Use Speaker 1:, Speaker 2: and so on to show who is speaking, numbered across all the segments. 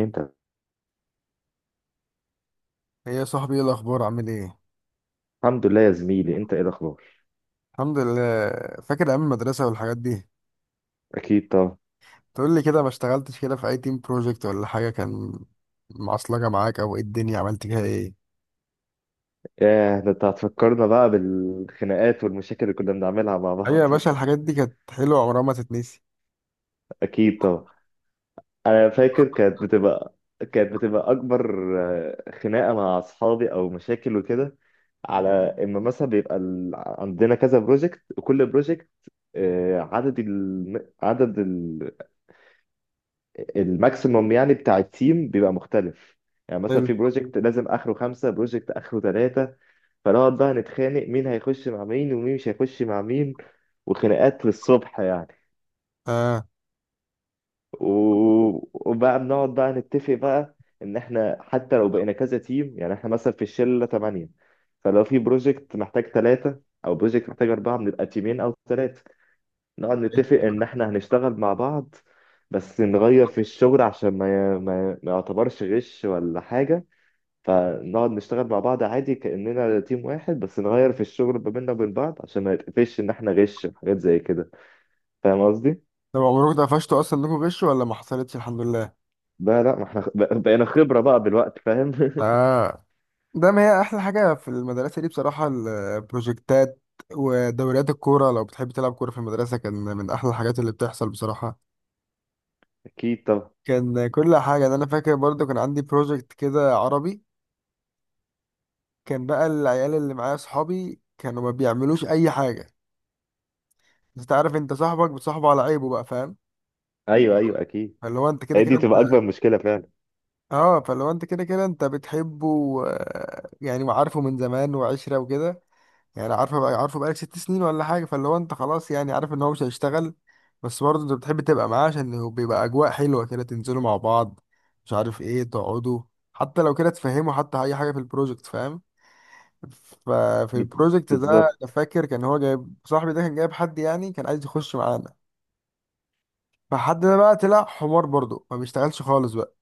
Speaker 1: انت.
Speaker 2: هي يا صاحبي، ايه الاخبار؟ عامل ايه؟
Speaker 1: الحمد لله يا زميلي، انت ايه الاخبار؟
Speaker 2: الحمد لله. فاكر ايام المدرسه والحاجات دي؟
Speaker 1: اكيد طبعا.
Speaker 2: تقول لي كده، ما اشتغلتش كده في اي تيم بروجكت ولا حاجه كان معصلجه معاك؟ او ايه الدنيا، عملت فيها ايه؟
Speaker 1: ياه، ده انت هتفكرنا بقى بالخناقات والمشاكل اللي كنا بنعملها مع
Speaker 2: ايوه يا
Speaker 1: بعض.
Speaker 2: باشا، الحاجات دي كانت حلوه، عمرها ما تتنسي.
Speaker 1: اكيد طبعا. انا فاكر كانت بتبقى اكبر، خناقه مع اصحابي او مشاكل وكده. على اما مثلا بيبقى عندنا كذا بروجكت وكل بروجكت، عدد الماكسيموم يعني بتاع التيم بيبقى مختلف. يعني مثلا
Speaker 2: حلو.
Speaker 1: في بروجكت لازم اخره 5 بروجكت اخره ثلاثة. فنقعد بقى نتخانق مين هيخش مع مين ومين مش هيخش مع مين، وخناقات للصبح يعني.
Speaker 2: اه.
Speaker 1: و- وبقى بنقعد بقى نتفق بقى ان احنا حتى لو بقينا كذا تيم، يعني احنا مثلا في الشله تمانية. فلو في بروجكت محتاج ثلاثة او بروجكت محتاج اربعة بنبقى تيمين او ثلاثة. نقعد نتفق ان احنا هنشتغل مع بعض، بس نغير في الشغل عشان ما يعتبرش غش ولا حاجة. فنقعد نشتغل مع بعض عادي كأننا تيم واحد، بس نغير في الشغل ما بيننا وبين بعض عشان ما يتقفش إن إحنا غش وحاجات زي كده. فاهم قصدي؟
Speaker 2: طب عمركم اتقفشتوا اصلا انكم غشوا ولا ما حصلتش؟ الحمد لله.
Speaker 1: بقى لا، ما إحنا بقينا خبرة بقى بالوقت، فاهم؟
Speaker 2: اه، ده ما هي احلى حاجه في المدرسه دي بصراحه البروجكتات، ودوريات الكوره لو بتحب تلعب كوره في المدرسه كان من احلى الحاجات اللي بتحصل بصراحه.
Speaker 1: أكيد طبعا.
Speaker 2: كان كل حاجة. ده أنا فاكر برضو كان عندي بروجكت كده عربي، كان بقى العيال اللي معايا صحابي كانوا ما بيعملوش أي حاجة. بس أنت عارف، أنت صاحبك بتصاحبه على عيبه بقى، فاهم؟
Speaker 1: أيوه أيوه، أكيد.
Speaker 2: فاللي هو أنت كده
Speaker 1: هي دي
Speaker 2: كده أنت.
Speaker 1: تبقى أكبر مشكلة فعلا.
Speaker 2: أه، فاللي هو أنت كده كده أنت بتحبه، يعني وعارفه من زمان وعشرة وكده. يعني عارفه بقى، عارفه بقالك 6 سنين ولا حاجة، فاللي هو أنت خلاص يعني عارف إن هو مش هيشتغل. بس برضه أنت بتحب تبقى معاه عشان هو بيبقى أجواء حلوة كده، تنزلوا مع بعض، مش عارف إيه، تقعدوا، حتى لو كده تفهموا حتى أي حاجة في البروجكت، فاهم؟ ففي
Speaker 1: بال-
Speaker 2: البروجكت ده انا
Speaker 1: بالظبط.
Speaker 2: فاكر كان هو جايب صاحبي ده، كان جايب حد يعني كان عايز يخش معانا. فحد ده بقى طلع حمار برضه، ما بيشتغلش خالص بقى.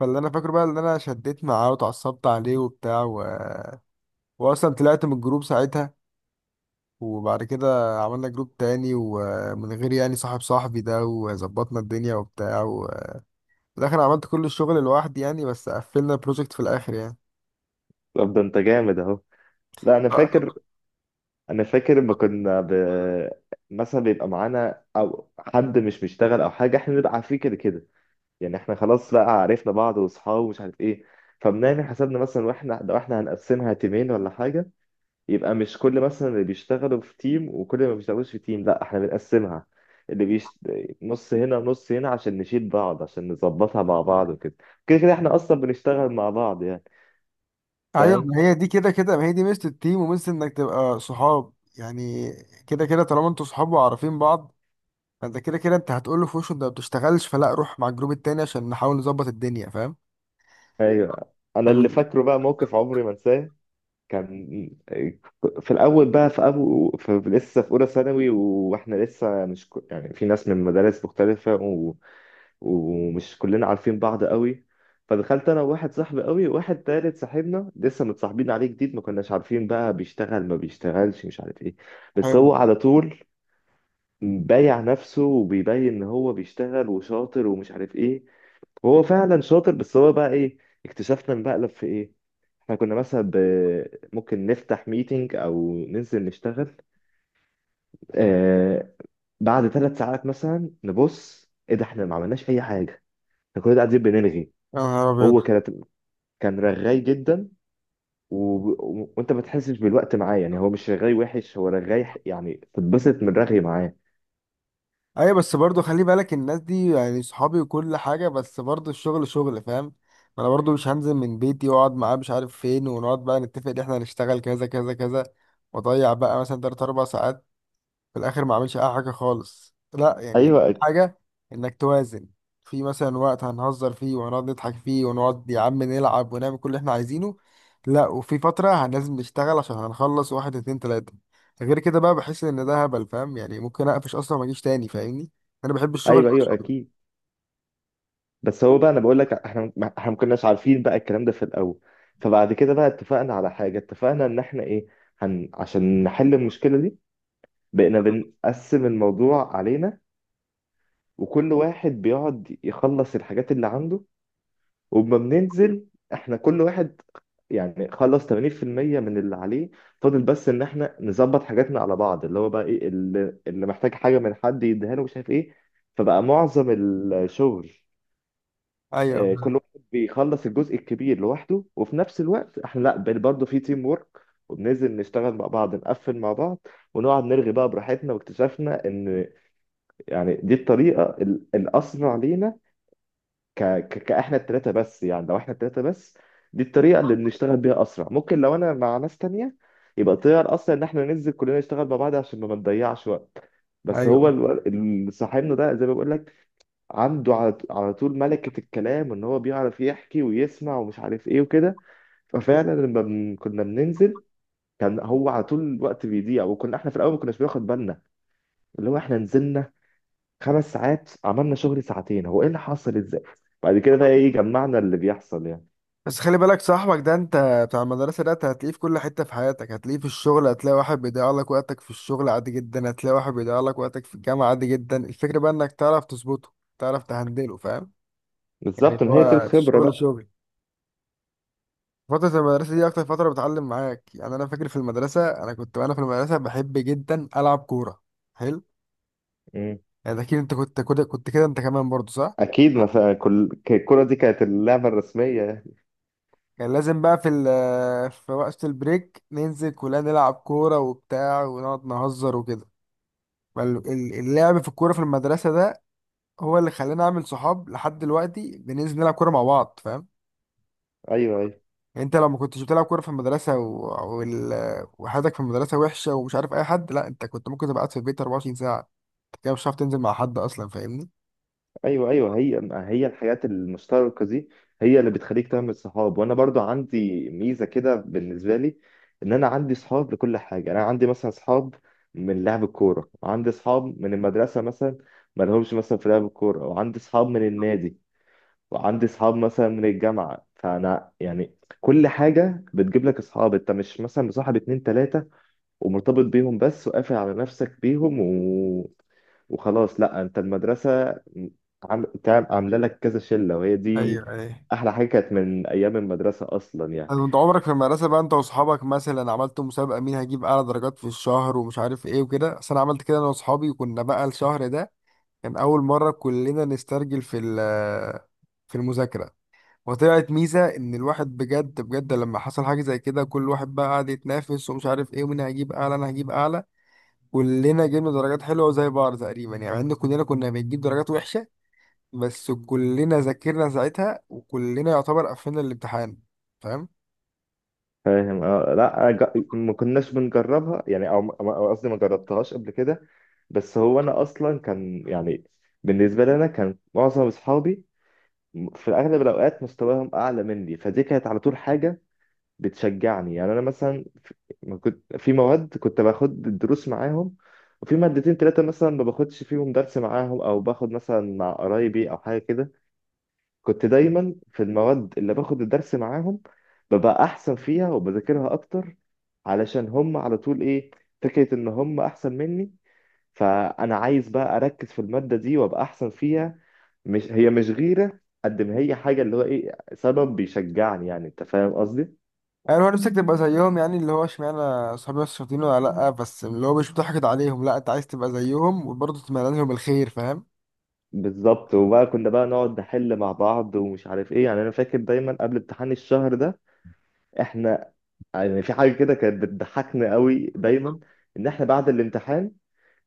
Speaker 2: فاللي انا فاكره بقى ان انا شديت معاه واتعصبت عليه وبتاع واصلا طلعت من الجروب ساعتها. وبعد كده عملنا جروب تاني، ومن غير يعني صاحب صاحبي ده، وظبطنا الدنيا وبتاع في الاخر عملت كل الشغل لوحدي يعني، بس قفلنا البروجكت في الاخر يعني.
Speaker 1: طب ده أنت جامد أهو. لا، أنا فاكر. أنا فاكر لما كنا مثلا بيبقى معانا أو حد مش بيشتغل أو حاجة، إحنا نبقى عارفين كده كده. يعني احنا خلاص، لا، عرفنا بعض واصحاب ومش عارف ايه. فبنعمل حسابنا مثلا، واحنا لو احنا هنقسمها تيمين ولا حاجه، يبقى مش كل مثلا اللي بيشتغلوا في تيم وكل اللي ما بيشتغلوش في تيم، لا، احنا بنقسمها. اللي بيش... نص هنا ونص هنا، عشان نشيل بعض، عشان نظبطها مع بعض وكده. كده كده احنا اصلا بنشتغل مع بعض يعني.
Speaker 2: ايوه،
Speaker 1: فاهم.
Speaker 2: ما هي دي كده كده، ما هي دي ميزه التيم وميزه انك تبقى صحاب يعني. كده كده طالما انتوا صحاب وعارفين بعض، فانت كده كده انت هتقول له في وشه انت ما بتشتغلش، فلا روح مع الجروب التاني عشان نحاول نظبط الدنيا، فاهم؟
Speaker 1: ايوه، انا اللي
Speaker 2: فال-
Speaker 1: فاكره بقى موقف عمري ما انساه. كان في الاول بقى، في ابو في لسه في اولى ثانوي، واحنا لسه مش يعني في ناس من مدارس مختلفه، ومش كلنا عارفين بعض قوي. فدخلت انا وواحد صاحبي قوي وواحد تالت صاحبنا لسه متصاحبين عليه جديد، ما كناش عارفين بقى بيشتغل ما بيشتغلش، مش عارف ايه. بس
Speaker 2: فاهم.
Speaker 1: هو على طول بايع نفسه وبيبين ان هو بيشتغل وشاطر ومش عارف ايه. وهو فعلا شاطر، بس هو بقى ايه؟ اكتشفنا المقلب في ايه. احنا كنا مثلا ممكن نفتح ميتنج او ننزل نشتغل. آه... بعد 3 ساعات مثلا نبص، ايه ده احنا ما عملناش اي حاجه. احنا كنا قاعدين بنلغي.
Speaker 2: يا نهار ابيض.
Speaker 1: هو كان رغاي جدا. و... و... وانت ما تحسش بالوقت معاه، يعني هو مش رغاي وحش، هو رغاي يعني تتبسط من رغي معاه.
Speaker 2: ايوه بس برضو خلي بالك، الناس دي يعني صحابي وكل حاجه، بس برضو الشغل شغل، فاهم؟ ما انا برضو مش هنزل من بيتي واقعد معاه مش عارف فين، ونقعد بقى نتفق ان احنا هنشتغل كذا كذا كذا، واضيع بقى مثلا 3 4 ساعات، في الاخر ما اعملش اي حاجه خالص. لا يعني أهم
Speaker 1: ايوه
Speaker 2: حاجه انك توازن، في مثلا وقت هنهزر فيه وهنقعد نضحك فيه ونقعد يا عم نلعب ونعمل كل اللي احنا عايزينه، لا وفي فتره لازم نشتغل عشان هنخلص واحد اتنين تلاته. غير كده بقى بحس ان ده هبل، فاهم؟ يعني ممكن اقفش اصلا ما اجيش تاني، فاهمني؟ انا بحب الشغل
Speaker 1: ايوه
Speaker 2: يبقى
Speaker 1: ايوه
Speaker 2: شغل.
Speaker 1: اكيد. بس هو بقى انا بقول لك، احنا احنا ما كناش عارفين بقى الكلام ده في الاول. فبعد كده بقى اتفقنا على حاجه، اتفقنا ان احنا ايه، عشان نحل المشكله دي بقينا بنقسم الموضوع علينا، وكل واحد بيقعد يخلص الحاجات اللي عنده. وما بننزل احنا، كل واحد يعني خلص 80% من اللي عليه، فاضل بس ان احنا نظبط حاجاتنا على بعض، اللي هو بقى ايه، اللي محتاج حاجه من حد يديها له، مش عارف ايه. فبقى معظم الشغل،
Speaker 2: ايوه
Speaker 1: كل واحد بيخلص الجزء الكبير لوحده، وفي نفس الوقت احنا، لا، برضه في تيم وورك، وبننزل نشتغل مع بعض نقفل مع بعض، ونقعد نرغي بقى براحتنا. واكتشفنا ان يعني دي الطريقه الاسرع لينا. ك... ك... كاحنا التلاتة بس، يعني لو احنا التلاتة بس، دي الطريقة اللي بنشتغل بيها أسرع. ممكن لو أنا مع ناس تانية يبقى الطريقة الأسرع إن احنا ننزل كلنا نشتغل مع بعض عشان ما بنضيعش وقت. بس هو
Speaker 2: ايوه.
Speaker 1: اللي صاحبنا ده زي ما بقول لك، عنده على على طول ملكة الكلام، وإن هو بيعرف يحكي ويسمع ومش عارف إيه وكده. ففعلا لما كنا بننزل، كان هو على طول الوقت بيضيع، وكنا احنا في الأول ما كناش بناخد بالنا. اللي هو احنا نزلنا 5 ساعات، عملنا شغل ساعتين، هو ايه اللي حصل ازاي؟ بعد كده بقى ايه، جمعنا اللي بيحصل يعني.
Speaker 2: بس خلي بالك صاحبك ده انت، بتاع المدرسة ده، انت هتلاقيه في كل حتة في حياتك، هتلاقيه في الشغل، هتلاقي واحد بيضيع لك وقتك في الشغل عادي جدا، هتلاقي واحد بيضيع لك وقتك في الجامعة عادي جدا. الفكرة بقى انك تعرف تظبطه، تعرف تهندله، فاهم؟ يعني
Speaker 1: بالظبط، ما هي دي
Speaker 2: هو
Speaker 1: الخبرة
Speaker 2: الشغل
Speaker 1: بقى.
Speaker 2: شغل. فترة المدرسة دي أكتر فترة بتعلم معاك، يعني أنا فاكر في المدرسة أنا كنت، وأنا في المدرسة بحب جدا ألعب كورة. حلو.
Speaker 1: مم.
Speaker 2: يعني أكيد أنت كنت كده، كنت كده أنت كمان برضو، صح؟
Speaker 1: اكيد، ما فا- كل ك- الكرة دي كانت اللعبة الرسمية يعني.
Speaker 2: كان لازم بقى في وقت البريك ننزل كلنا نلعب كورة وبتاع، ونقعد نهزر وكده. اللعب في الكورة في المدرسة ده هو اللي خلاني أعمل صحاب لحد دلوقتي، بننزل نلعب كورة مع بعض، فاهم؟
Speaker 1: ايوه ايوه.
Speaker 2: يعني أنت لو ما كنتش بتلعب كورة في المدرسة وال... وحياتك في المدرسة وحشة ومش عارف أي حد، لا أنت كنت ممكن تبقى قاعد في البيت 24 ساعة. أنت كده مش هتعرف تنزل مع حد أصلا، فاهمني؟
Speaker 1: ايوه ايوه، هي ما هي الحاجات المشتركة دي، هي اللي بتخليك تعمل صحاب. وانا برضو عندي ميزة كده بالنسبة لي، ان انا عندي صحاب لكل حاجة. انا عندي مثلا صحاب من لعب الكورة، وعندي صحاب من المدرسة مثلا ما لهمش مثلا في لعب الكورة، وعندي صحاب من النادي، وعندي اصحاب مثلا من الجامعه. فانا يعني كل حاجه بتجيب لك اصحاب. انت مش مثلا مصاحب اتنين تلاته ومرتبط بيهم بس وقافل على نفسك بيهم وخلاص. لا، انت المدرسه عامله لك كذا شله، وهي
Speaker 2: ايوه
Speaker 1: دي
Speaker 2: ايوه.
Speaker 1: احلى حاجه كانت من ايام المدرسه اصلا يعني.
Speaker 2: أنا أنت عمرك في المدرسة بقى أنت وأصحابك مثلا عملتوا مسابقة مين هيجيب أعلى درجات في الشهر ومش عارف إيه وكده؟ أصل أنا عملت كده أنا وأصحابي، وكنا بقى الشهر ده كان أول مرة كلنا نسترجل في المذاكرة. وطلعت ميزة إن الواحد بجد بجد لما حصل حاجة زي كده كل واحد بقى قعد يتنافس ومش عارف إيه، ومين هيجيب أعلى، أنا هجيب أعلى. كلنا جبنا درجات حلوة زي بعض تقريبا يعني، مع إن كلنا كنا بنجيب درجات وحشة. بس كلنا ذاكرنا ساعتها وكلنا يعتبر قفلنا الامتحان، فاهم؟
Speaker 1: فاهم. آه، لا ج... ما كناش بنجربها يعني، او أو قصدي ما جربتهاش قبل كده. بس هو انا اصلا كان يعني، بالنسبه لي انا كان معظم اصحابي في اغلب الاوقات مستواهم اعلى مني، فدي كانت على طول حاجه بتشجعني. يعني انا مثلا ما كنت في مواد كنت باخد الدروس معاهم، وفي مادتين ثلاثه مثلا ما باخدش فيهم درس معاهم، او باخد مثلا مع قرايبي او حاجه كده. كنت دايما في المواد اللي باخد الدرس معاهم ببقى احسن فيها وبذاكرها اكتر، علشان هم على طول ايه، فكره ان هم احسن مني، فانا عايز بقى اركز في الماده دي وابقى احسن فيها. مش هي مش غيرة، قد ما هي حاجة اللي هو ايه، سبب بيشجعني يعني. انت فاهم قصدي؟
Speaker 2: يعني هو نفسك تبقى زيهم يعني، اللي هو اشمعنى أصحابي نفس الشاطرين ولا لأ، بس اللي هو مش بتحقد عليهم، لأ أنت عايز تبقى زيهم وبرضه تتمنى لهم الخير، فاهم؟
Speaker 1: بالظبط. وبقى كنا بقى نقعد نحل مع بعض ومش عارف ايه. يعني انا فاكر دايما قبل امتحان الشهر ده احنا يعني في حاجة كده كانت بتضحكنا قوي دايما، ان احنا بعد الامتحان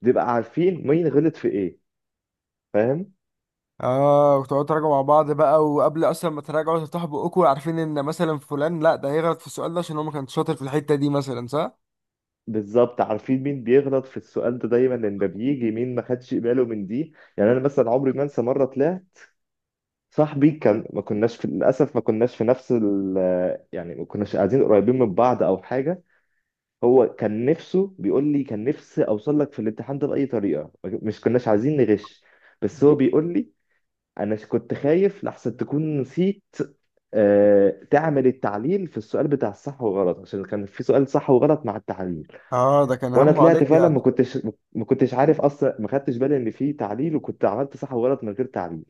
Speaker 1: بنبقى عارفين مين غلط في ايه. فاهم.
Speaker 2: اه، وتقعدوا تراجعوا مع بعض بقى، وقبل اصلا ما تراجعوا تفتحوا بقكم عارفين ان مثلا فلان، لا ده هيغلط في السؤال ده عشان هو ما كانش شاطر في الحتة دي مثلا، صح؟
Speaker 1: بالظبط، عارفين مين بيغلط في السؤال ده دايما، لان ده بيجي مين ما خدش باله من دي. يعني انا مثلا عمري ما انسى مرة طلعت، صاحبي كان ما كناش في، للاسف ما كناش في نفس ال، يعني ما كناش قاعدين قريبين من بعض او حاجه. هو كان نفسه، بيقول لي كان نفسي اوصل لك في الامتحان ده باي طريقه، مش كناش عايزين نغش، بس هو بيقول لي انا كنت خايف لحسن تكون نسيت تعمل التعليل في السؤال بتاع الصح والغلط، عشان كان في سؤال صح وغلط مع التعليل.
Speaker 2: اه، ده كان
Speaker 1: وانا
Speaker 2: همه
Speaker 1: طلعت
Speaker 2: عليك
Speaker 1: فعلا
Speaker 2: يعني.
Speaker 1: ما كنتش، ما كنتش عارف اصلا، ما خدتش بالي ان في تعليل، وكنت عملت صح وغلط من غير تعليل.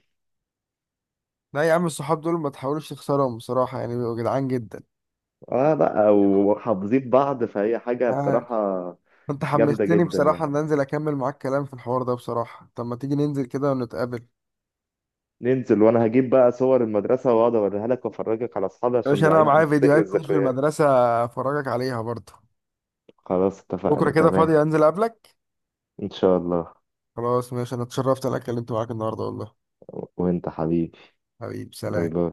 Speaker 2: لا يا عم، الصحاب دول ما تحاولوش تخسرهم بصراحة، يعني بيبقوا جدعان جدا.
Speaker 1: اه لا، وحافظين بعض، فهي حاجة
Speaker 2: آه.
Speaker 1: بصراحة.
Speaker 2: انت
Speaker 1: جامدة
Speaker 2: حمستني
Speaker 1: جدا
Speaker 2: بصراحة
Speaker 1: يعني.
Speaker 2: ان انزل اكمل معاك كلام في الحوار ده بصراحة، طب ما تيجي ننزل كده ونتقابل؟
Speaker 1: ننزل وانا هجيب بقى صور المدرسة، واقعد اوريها لك وافرجك على اصحابي
Speaker 2: يا
Speaker 1: عشان
Speaker 2: باشا انا
Speaker 1: نعيد
Speaker 2: معايا
Speaker 1: نفتكر
Speaker 2: فيديوهات كتير في
Speaker 1: الذكريات.
Speaker 2: المدرسة، افرجك عليها برضه.
Speaker 1: خلاص
Speaker 2: بكرة
Speaker 1: اتفقنا
Speaker 2: كده
Speaker 1: تمام.
Speaker 2: فاضي، انزل اقابلك.
Speaker 1: ان شاء الله.
Speaker 2: خلاص ماشي، انا اتشرفت إن انا اتكلمت معاك النهاردة والله.
Speaker 1: وانت حبيبي.
Speaker 2: حبيب،
Speaker 1: باي
Speaker 2: سلام.
Speaker 1: باي.